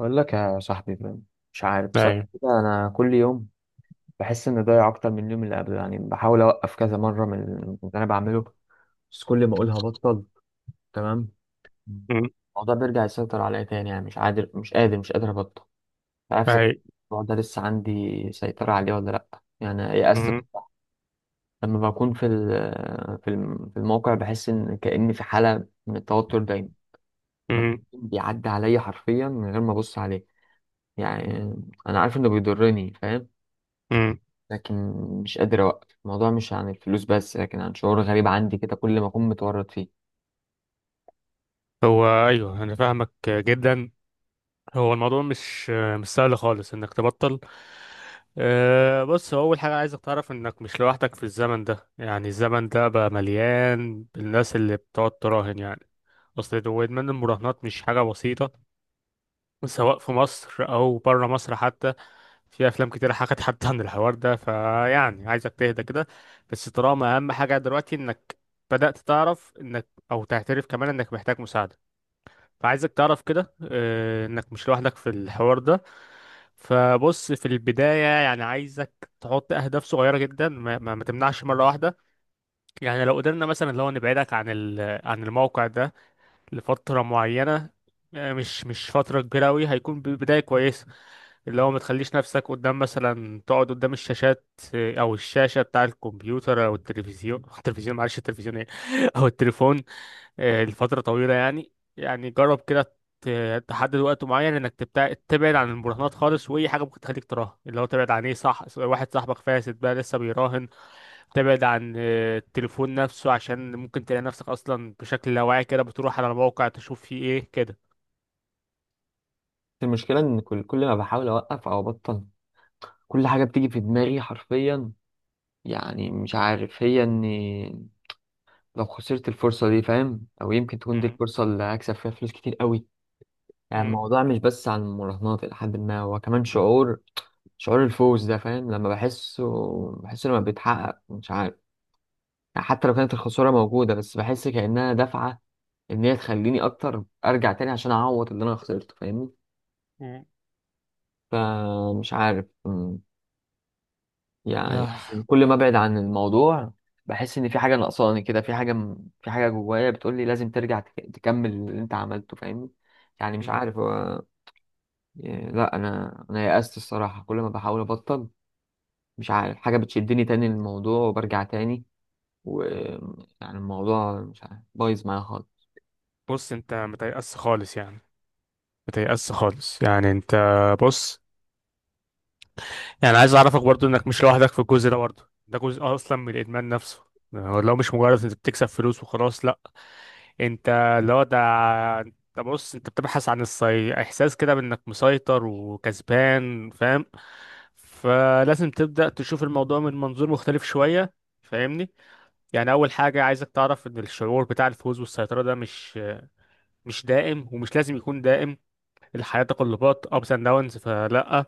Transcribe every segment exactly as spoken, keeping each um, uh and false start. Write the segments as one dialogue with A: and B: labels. A: أقول لك يا صاحبي، مش عارف بصراحة
B: ايوه.
A: كده. أنا كل يوم بحس إني ضايع أكتر من اليوم اللي قبله. يعني بحاول أوقف كذا مرة من من اللي أنا بعمله، بس كل ما أقولها بطل تمام،
B: مم.
A: الموضوع بيرجع يسيطر عليا تاني. يعني مش قادر مش قادر مش قادر أبطل. مش عارف إذا
B: ايوه.
A: الموضوع ده لسه عندي سيطرة عليه ولا لأ. يعني يأست
B: مم.
A: بصراحة. لما بكون في ال- في الم- في الموقع بحس إن كأني في حالة من التوتر دايما، مفيش
B: مم.
A: بيعدي عليا حرفيا من غير ما أبص عليه. يعني أنا عارف إنه بيضرني، فاهم؟
B: مم.
A: لكن مش قادر أوقف الموضوع. مش عن الفلوس بس، لكن عن شعور غريب عندي كده كل ما أكون متورط فيه.
B: هو ايوه، انا فاهمك جدا. هو الموضوع مش مش سهل خالص انك تبطل. أه، بص، هو اول حاجه عايزك تعرف انك مش لوحدك في الزمن ده. يعني الزمن ده بقى مليان بالناس اللي بتقعد تراهن يعني. اصل هو ادمان المراهنات مش حاجه بسيطه، سواء في مصر او بره مصر حتى. في افلام كتير حكت حتى عن الحوار ده، فيعني عايزك تهدى كده. بس طالما اهم حاجه دلوقتي انك بدات تعرف انك او تعترف كمان انك محتاج مساعده، فعايزك تعرف كده آه، انك مش لوحدك في الحوار ده. فبص، في البدايه يعني عايزك تحط اهداف صغيره جدا، ما, ما, ما تمنعش مره واحده. يعني لو قدرنا مثلا لو نبعدك عن ال- عن الموقع ده لفترة معينة. آه، مش مش فترة كبيرة أوي هيكون بداية كويسة. اللي هو ما تخليش نفسك قدام، مثلا تقعد قدام الشاشات. آه، أو الشاشة بتاع الكمبيوتر أو التلفزيون التلفزيون معلش، التلفزيون إيه أو التليفون. آه، لفترة طويلة يعني. يعني جرب كده، ت- تحدد وقت معين انك تبتع... تبعد عن المراهنات خالص، واي حاجه ممكن تخليك تراهن، اللي هو تبعد عن ايه؟ صح، واحد صاحبك فاسد بقى لسه بيراهن، تبعد عن آه، التليفون نفسه، عشان ممكن تلاقي نفسك اصلا بشكل لا واعي كده بتروح على الموقع تشوف فيه ايه كده.
A: المشكلة إن كل كل ما بحاول أوقف أو أبطل، كل حاجة بتيجي في دماغي حرفيا. يعني مش عارف، هي إني لو خسرت الفرصة دي، فاهم؟ أو يمكن تكون دي
B: مم.
A: الفرصة اللي هكسب فيها فلوس كتير قوي. يعني
B: مم.
A: الموضوع مش بس عن المراهنات، إلى حد ما هو كمان شعور. شعور الفوز ده، فاهم؟ لما بحسه، بحسه لما بيتحقق، مش عارف. يعني حتى لو كانت الخسارة موجودة، بس بحس كأنها دفعة إن هي تخليني أكتر أرجع تاني عشان أعوض اللي أنا خسرته، فاهمني؟
B: مم.
A: فمش عارف، أمم، يعني
B: آه.
A: كل ما أبعد عن الموضوع بحس إن في حاجة ناقصاني كده، في حاجة م- في حاجة جوايا بتقولي لازم ترجع تك- تكمل اللي أنت عملته، فاهمني؟ يعني مش
B: مم.
A: عارف هو. يعني لا، أنا أنا يأست الصراحة. كل ما بحاول أبطل، مش عارف حاجة بتشدني تاني للموضوع وبرجع تاني. ويعني الموضوع مش عارف، بايظ معايا خالص.
B: بص، انت متيأس خالص يعني، متيأس خالص يعني انت. بص، يعني عايز اعرفك برضو انك مش لوحدك في الجزء ده، برضو ده جزء اصلا من الادمان نفسه. آه، لو مش مجرد انت بتكسب فلوس وخلاص، لا، انت، اللي هو ده، انت، بص، انت بتبحث عن الصي... احساس كده بانك مسيطر وكسبان، فاهم؟ فلازم تبدأ تشوف الموضوع من منظور مختلف شوية، فاهمني؟ يعني اول حاجة عايزك تعرف ان الشعور بتاع الفوز والسيطرة ده مش مش دائم ومش لازم يكون دائم. الحياة تقلبات، ups and downs، فلا،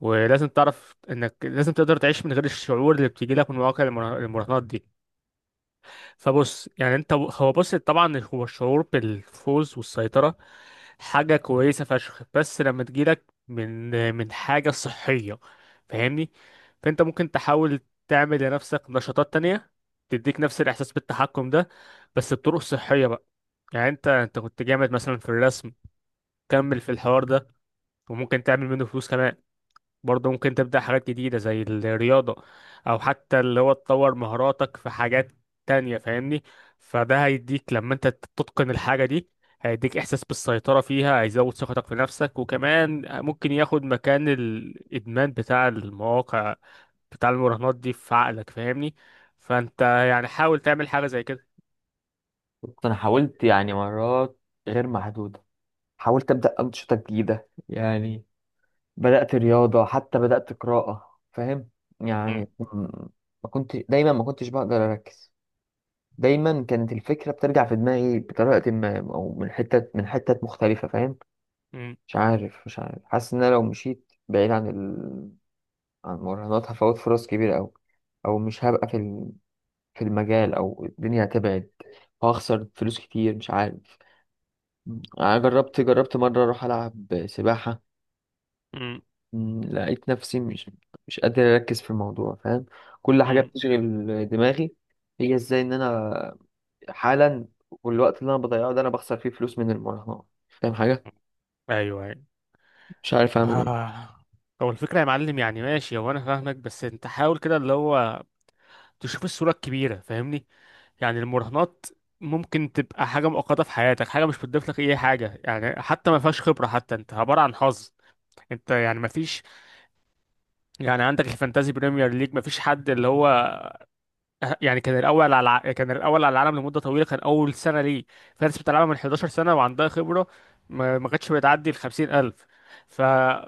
B: ولازم تعرف انك لازم تقدر تعيش من غير الشعور اللي بتيجي لك من مواقع المراهنات دي. فبص، يعني انت، هو، بص، طبعا هو الشعور بالفوز والسيطرة حاجة كويسة فشخ، بس لما تجيلك من من حاجة صحية، فاهمني؟ فانت ممكن تحاول تعمل لنفسك نشاطات تانية تديك نفس الإحساس بالتحكم ده، بس بطرق صحية بقى. يعني انت انت كنت جامد مثلا في الرسم، كمل في الحوار ده، وممكن تعمل منه فلوس كمان. برضه ممكن تبدأ حاجات جديدة زي الرياضة، أو حتى اللي هو تطور مهاراتك في حاجات تانية، فاهمني؟ فده هيديك لما أنت تتقن الحاجة دي، هيديك إحساس بالسيطرة فيها، هيزود ثقتك في نفسك، وكمان ممكن ياخد مكان الإدمان بتاع المواقع بتاع المراهنات دي في عقلك، فاهمني؟ فأنت يعني حاول تعمل حاجة زي كده.
A: بص، انا حاولت يعني مرات غير محدودة. حاولت ابدا انشطة جديدة. يعني بدات رياضة، حتى بدات قراءة، فاهم؟
B: م-
A: يعني م- ما كنت دايما، ما كنتش بقدر اركز. دايما كانت الفكرة بترجع في دماغي بطريقة ما، او من حتة من حتة مختلفة، فاهم؟
B: م-
A: مش عارف مش عارف حاسس ان انا لو مشيت بعيد عن ال... عن المراهنات هفوت فرص كبيرة أوي، او مش هبقى في ال... في المجال، او الدنيا هتبعد وهخسر فلوس كتير، مش عارف. أنا جربت، جربت مرة أروح ألعب سباحة،
B: م-
A: مم، لقيت نفسي مش مش قادر أركز في الموضوع، فاهم؟ كل حاجة
B: م.
A: بتشغل دماغي. هي إزاي إن أنا حالا، والوقت اللي أنا بضيعه ده أنا بخسر فيه فلوس من المراهنات، فاهم حاجة؟
B: أيوه أيوه.
A: مش عارف أعمل إيه.
B: آه. هو الفكرة يا معلم، يعني ماشي، هو أنا فاهمك. بس أنت حاول كده اللي هو تشوف الصورة الكبيرة، فاهمني؟ يعني المراهنات ممكن تبقى حاجة مؤقتة في حياتك، حاجة مش بتضيف لك أي حاجة يعني، حتى ما فيهاش خبرة، حتى أنت عبارة عن حظ. أنت يعني ما فيش. يعني عندك الفانتازي بريمير ليج، ما فيش حد اللي هو يعني كان الأول على الع- كان الأول على العالم لمدة طويلة. كان أول سنة ليه في ناس بتلعبها من حداشر سنة وعندها خبرة، ما ما كانتش بتعدي ال خمسين الف. ف...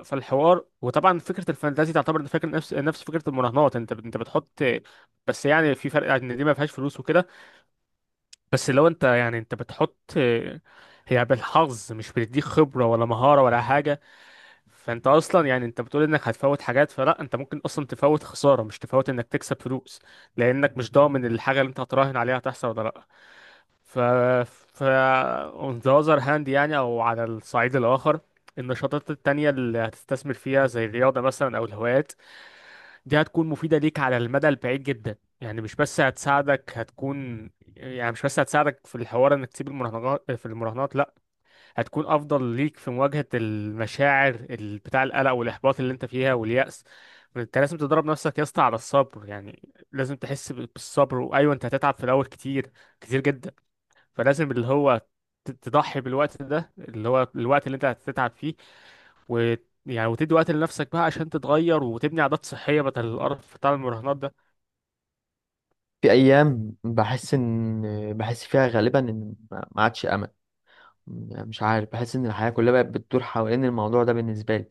B: فالحوار، وطبعا فكرة الفانتازي تعتبر فكرة نفس نفس فكرة المراهنات. أنت أنت بتحط. بس يعني في فرق إن دي ما فيهاش فلوس وكده. بس لو انت يعني انت بتحط، هي بالحظ، مش بتديك خبرة ولا مهارة ولا حاجة. فانت اصلا يعني انت بتقول انك هتفوت حاجات. فلا، انت ممكن اصلا تفوت خسارة، مش تفوت انك تكسب فلوس، لانك مش ضامن الحاجة اللي انت هتراهن عليها هتحصل ولا لا. ف ف on the other hand، يعني او على الصعيد الاخر، النشاطات التانية اللي هتستثمر فيها زي الرياضة مثلا او الهوايات، دي هتكون مفيدة ليك على المدى البعيد جدا. يعني مش بس هتساعدك، هتكون، يعني مش بس هتساعدك في الحوار انك تسيب المراهنات في المراهنات، لا، هتكون افضل ليك في مواجهة المشاعر ال- بتاع القلق والاحباط اللي انت فيها واليأس. انت لازم تدرب نفسك يا اسطى على الصبر يعني. لازم تحس ب- بالصبر. وايوه، انت هتتعب في الاول كتير، كتير جدا. فلازم اللي هو ت- تضحي بالوقت ده، اللي هو الوقت اللي انت هتتعب فيه، و، يعني، وتدي وقت لنفسك بقى عشان تتغير وتبني عادات صحية بدل القرف بتاع المراهنات ده.
A: في أيام بحس إن، بحس فيها غالبا إن ما ما عادش أمل. يعني مش عارف، بحس إن الحياة كلها بقت بتدور حوالين الموضوع ده بالنسبة لي.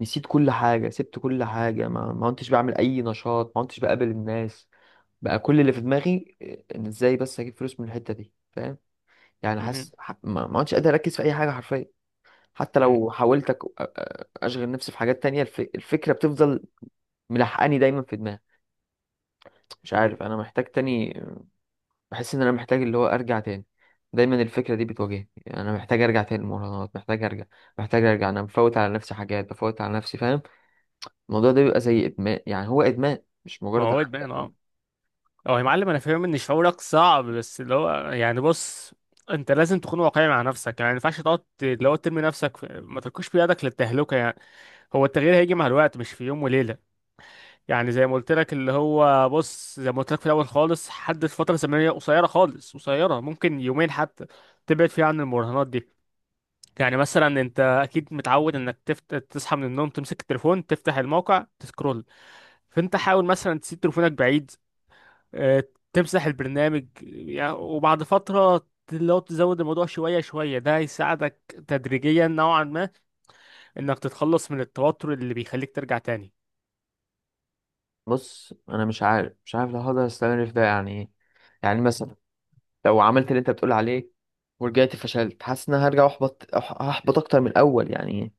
A: نسيت كل حاجة، سبت كل حاجة، ما ما كنتش بعمل أي نشاط، ما كنتش بقابل الناس. بقى كل اللي في دماغي، آه، ان ازاي بس اجيب فلوس من الحته دي، فاهم؟ يعني
B: مم.
A: حاسس، ح- ما ما عدتش قادر اركز في اي حاجه حرفيا. حتى
B: مم.
A: لو حاولت أك- أ- أ- اشغل نفسي في حاجات تانية، الف... الفكره بتفضل ملحقاني دايما في دماغي. مش
B: مم.
A: عارف، انا محتاج تاني. بحس ان انا محتاج اللي هو ارجع تاني. دايما الفكره دي بتواجهني. يعني انا محتاج ارجع تاني المراهنات، محتاج ارجع، محتاج ارجع. انا مفوت على نفسي حاجات، بفوت على نفسي، فاهم؟ الموضوع ده بيبقى زي ادمان. يعني هو ادمان، مش
B: ما
A: مجرد
B: هو ادمان
A: عادة.
B: اه. هو يا معلم انا فاهم ان شعورك صعب، بس اللي هو يعني بص، انت لازم تكون واقعي مع نفسك يعني، ما ينفعش تقعد ت- اللي هو ترمي نفسك في... ما تركوش بيدك للتهلكة يعني. هو التغيير هيجي مع الوقت، مش في يوم وليلة. يعني زي ما قلت لك، اللي هو بص، زي ما قلت لك في الاول خالص، حدد فترة زمنية قصيرة خالص، قصيرة، ممكن يومين حتى، تبعد فيها عن المراهنات دي. يعني مثلا انت اكيد متعود انك تفت... تصحى من النوم تمسك التليفون تفتح الموقع تسكرول. فانت حاول مثلا تسيب تليفونك بعيد، آه، تمسح البرنامج يعني. وبعد فترة لو تزود الموضوع شوية شوية، ده هيساعدك تدريجيا نوعا ما انك تتخلص من التوتر اللي بيخليك ترجع تاني.
A: بص، انا مش عارف مش عارف لو هقدر استمر في ده يعني إيه. يعني مثلا لو عملت اللي انت بتقول عليه ورجعت فشلت، حاسس ان انا هرجع احبط، أح- هحبط اكتر من الاول. يعني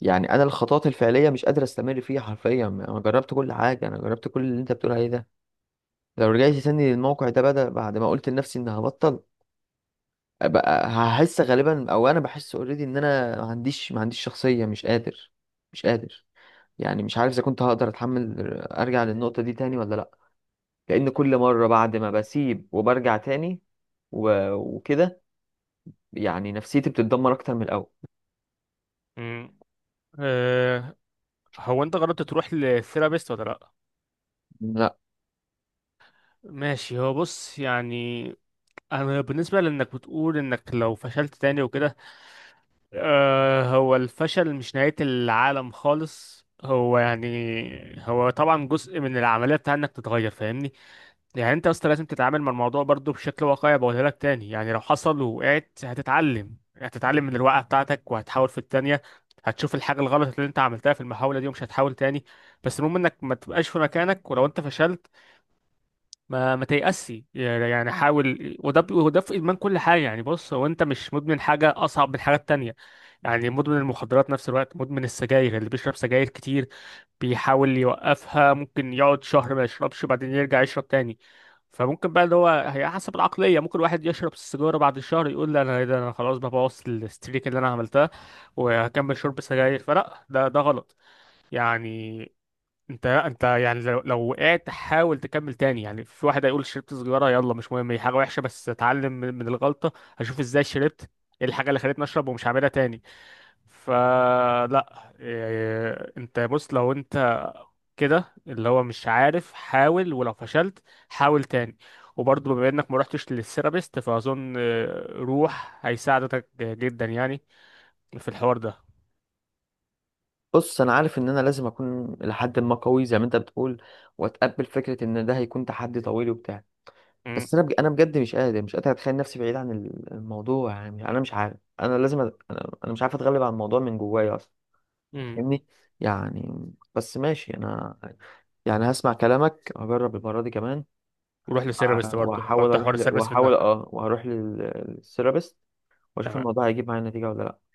A: يعني انا الخطوات الفعليه مش قادر استمر فيها حرفيا. انا جربت كل حاجه، انا جربت كل اللي انت بتقول عليه ده. لو رجعت تاني للموقع ده بدل بعد ما قلت لنفسي ان هبطل، بقى هحس غالبا، او انا بحس اوريدي، ان انا ما عنديش ما عنديش شخصيه، مش قادر، مش قادر. يعني مش عارف اذا كنت هقدر اتحمل ارجع للنقطه دي تاني ولا لا. لان كل مره بعد ما بسيب وبرجع تاني و- وكده يعني نفسيتي بتتدمر اكتر من الاول.
B: مم. أه، هو انت جربت تروح للثيرابيست ولا لا؟
A: لا.
B: ماشي، هو بص يعني، انا بالنسبة لانك بتقول انك لو فشلت تاني وكده، آه، هو الفشل مش نهاية العالم خالص. هو يعني هو طبعا جزء من العملية بتاع انك تتغير، فاهمني؟ يعني انت اصلا لازم تتعامل مع الموضوع برضو بشكل واقعي، بقولها لك تاني. يعني لو حصل ووقعت، هتتعلم، هتتعلم من الوقعة بتاعتك وهتحاول في التانية. هتشوف الحاجة الغلط اللي انت عملتها في المحاولة دي ومش هتحاول تاني. بس المهم انك ما تبقاش في مكانك ولو انت فشلت، ما ما تيأسي يعني، حاول. وده ب- وده في إدمان كل حاجة يعني. بص، هو أنت مش مدمن حاجة أصعب من حاجات تانية. يعني مدمن المخدرات نفس الوقت مدمن السجاير، اللي بيشرب سجاير كتير بيحاول يوقفها، ممكن يقعد شهر ما يشربش بعدين يرجع يشرب تاني. فممكن بقى اللي هو، هي حسب العقلية، ممكن واحد يشرب السيجارة بعد الشهر يقول لا أنا إيه ده، أنا خلاص بقى بوظ الستريك اللي أنا عملتها وهكمل شرب سجاير، فلا، ده ده غلط يعني. انت انت يعني لو لو وقعت حاول تكمل تاني. يعني في واحد هيقول شربت سجارة، يلا مش مهم، هي حاجة وحشة بس اتعلم من من الغلطة. هشوف ازاي شربت، ايه الحاجة اللي خلتني اشرب، ومش هعملها تاني. فلا إيه، انت بص لو انت كده اللي هو مش عارف، حاول، ولو فشلت حاول تاني. وبرضه بما انك ما رحتش للثيرابيست، فاظن اه، روح هيساعدك جدا يعني في الحوار ده.
A: بص، انا عارف ان انا لازم اكون لحد ما قوي زي ما انت بتقول، واتقبل فكره ان ده هيكون تحدي طويل وبتاع.
B: امم.
A: بس انا بج... انا بجد مش قادر مش قادر اتخيل نفسي بعيد عن ال- الموضوع. يعني انا مش عارف، انا لازم أ... انا أنا مش عارف اتغلب على الموضوع من جوايا اصلا،
B: امم.
A: فاهمني؟ يعني بس ماشي، انا يعني هسمع كلامك، هجرب المره دي كمان.
B: وروح للثيرابيست برضه،
A: وهحاول
B: حط حوار
A: اروح ل...
B: الثيرابيست في
A: وهحاول
B: دماغك.
A: اه وهروح للثيرابيست، واشوف
B: تمام.
A: الموضوع هيجيب معايا نتيجه ولا لا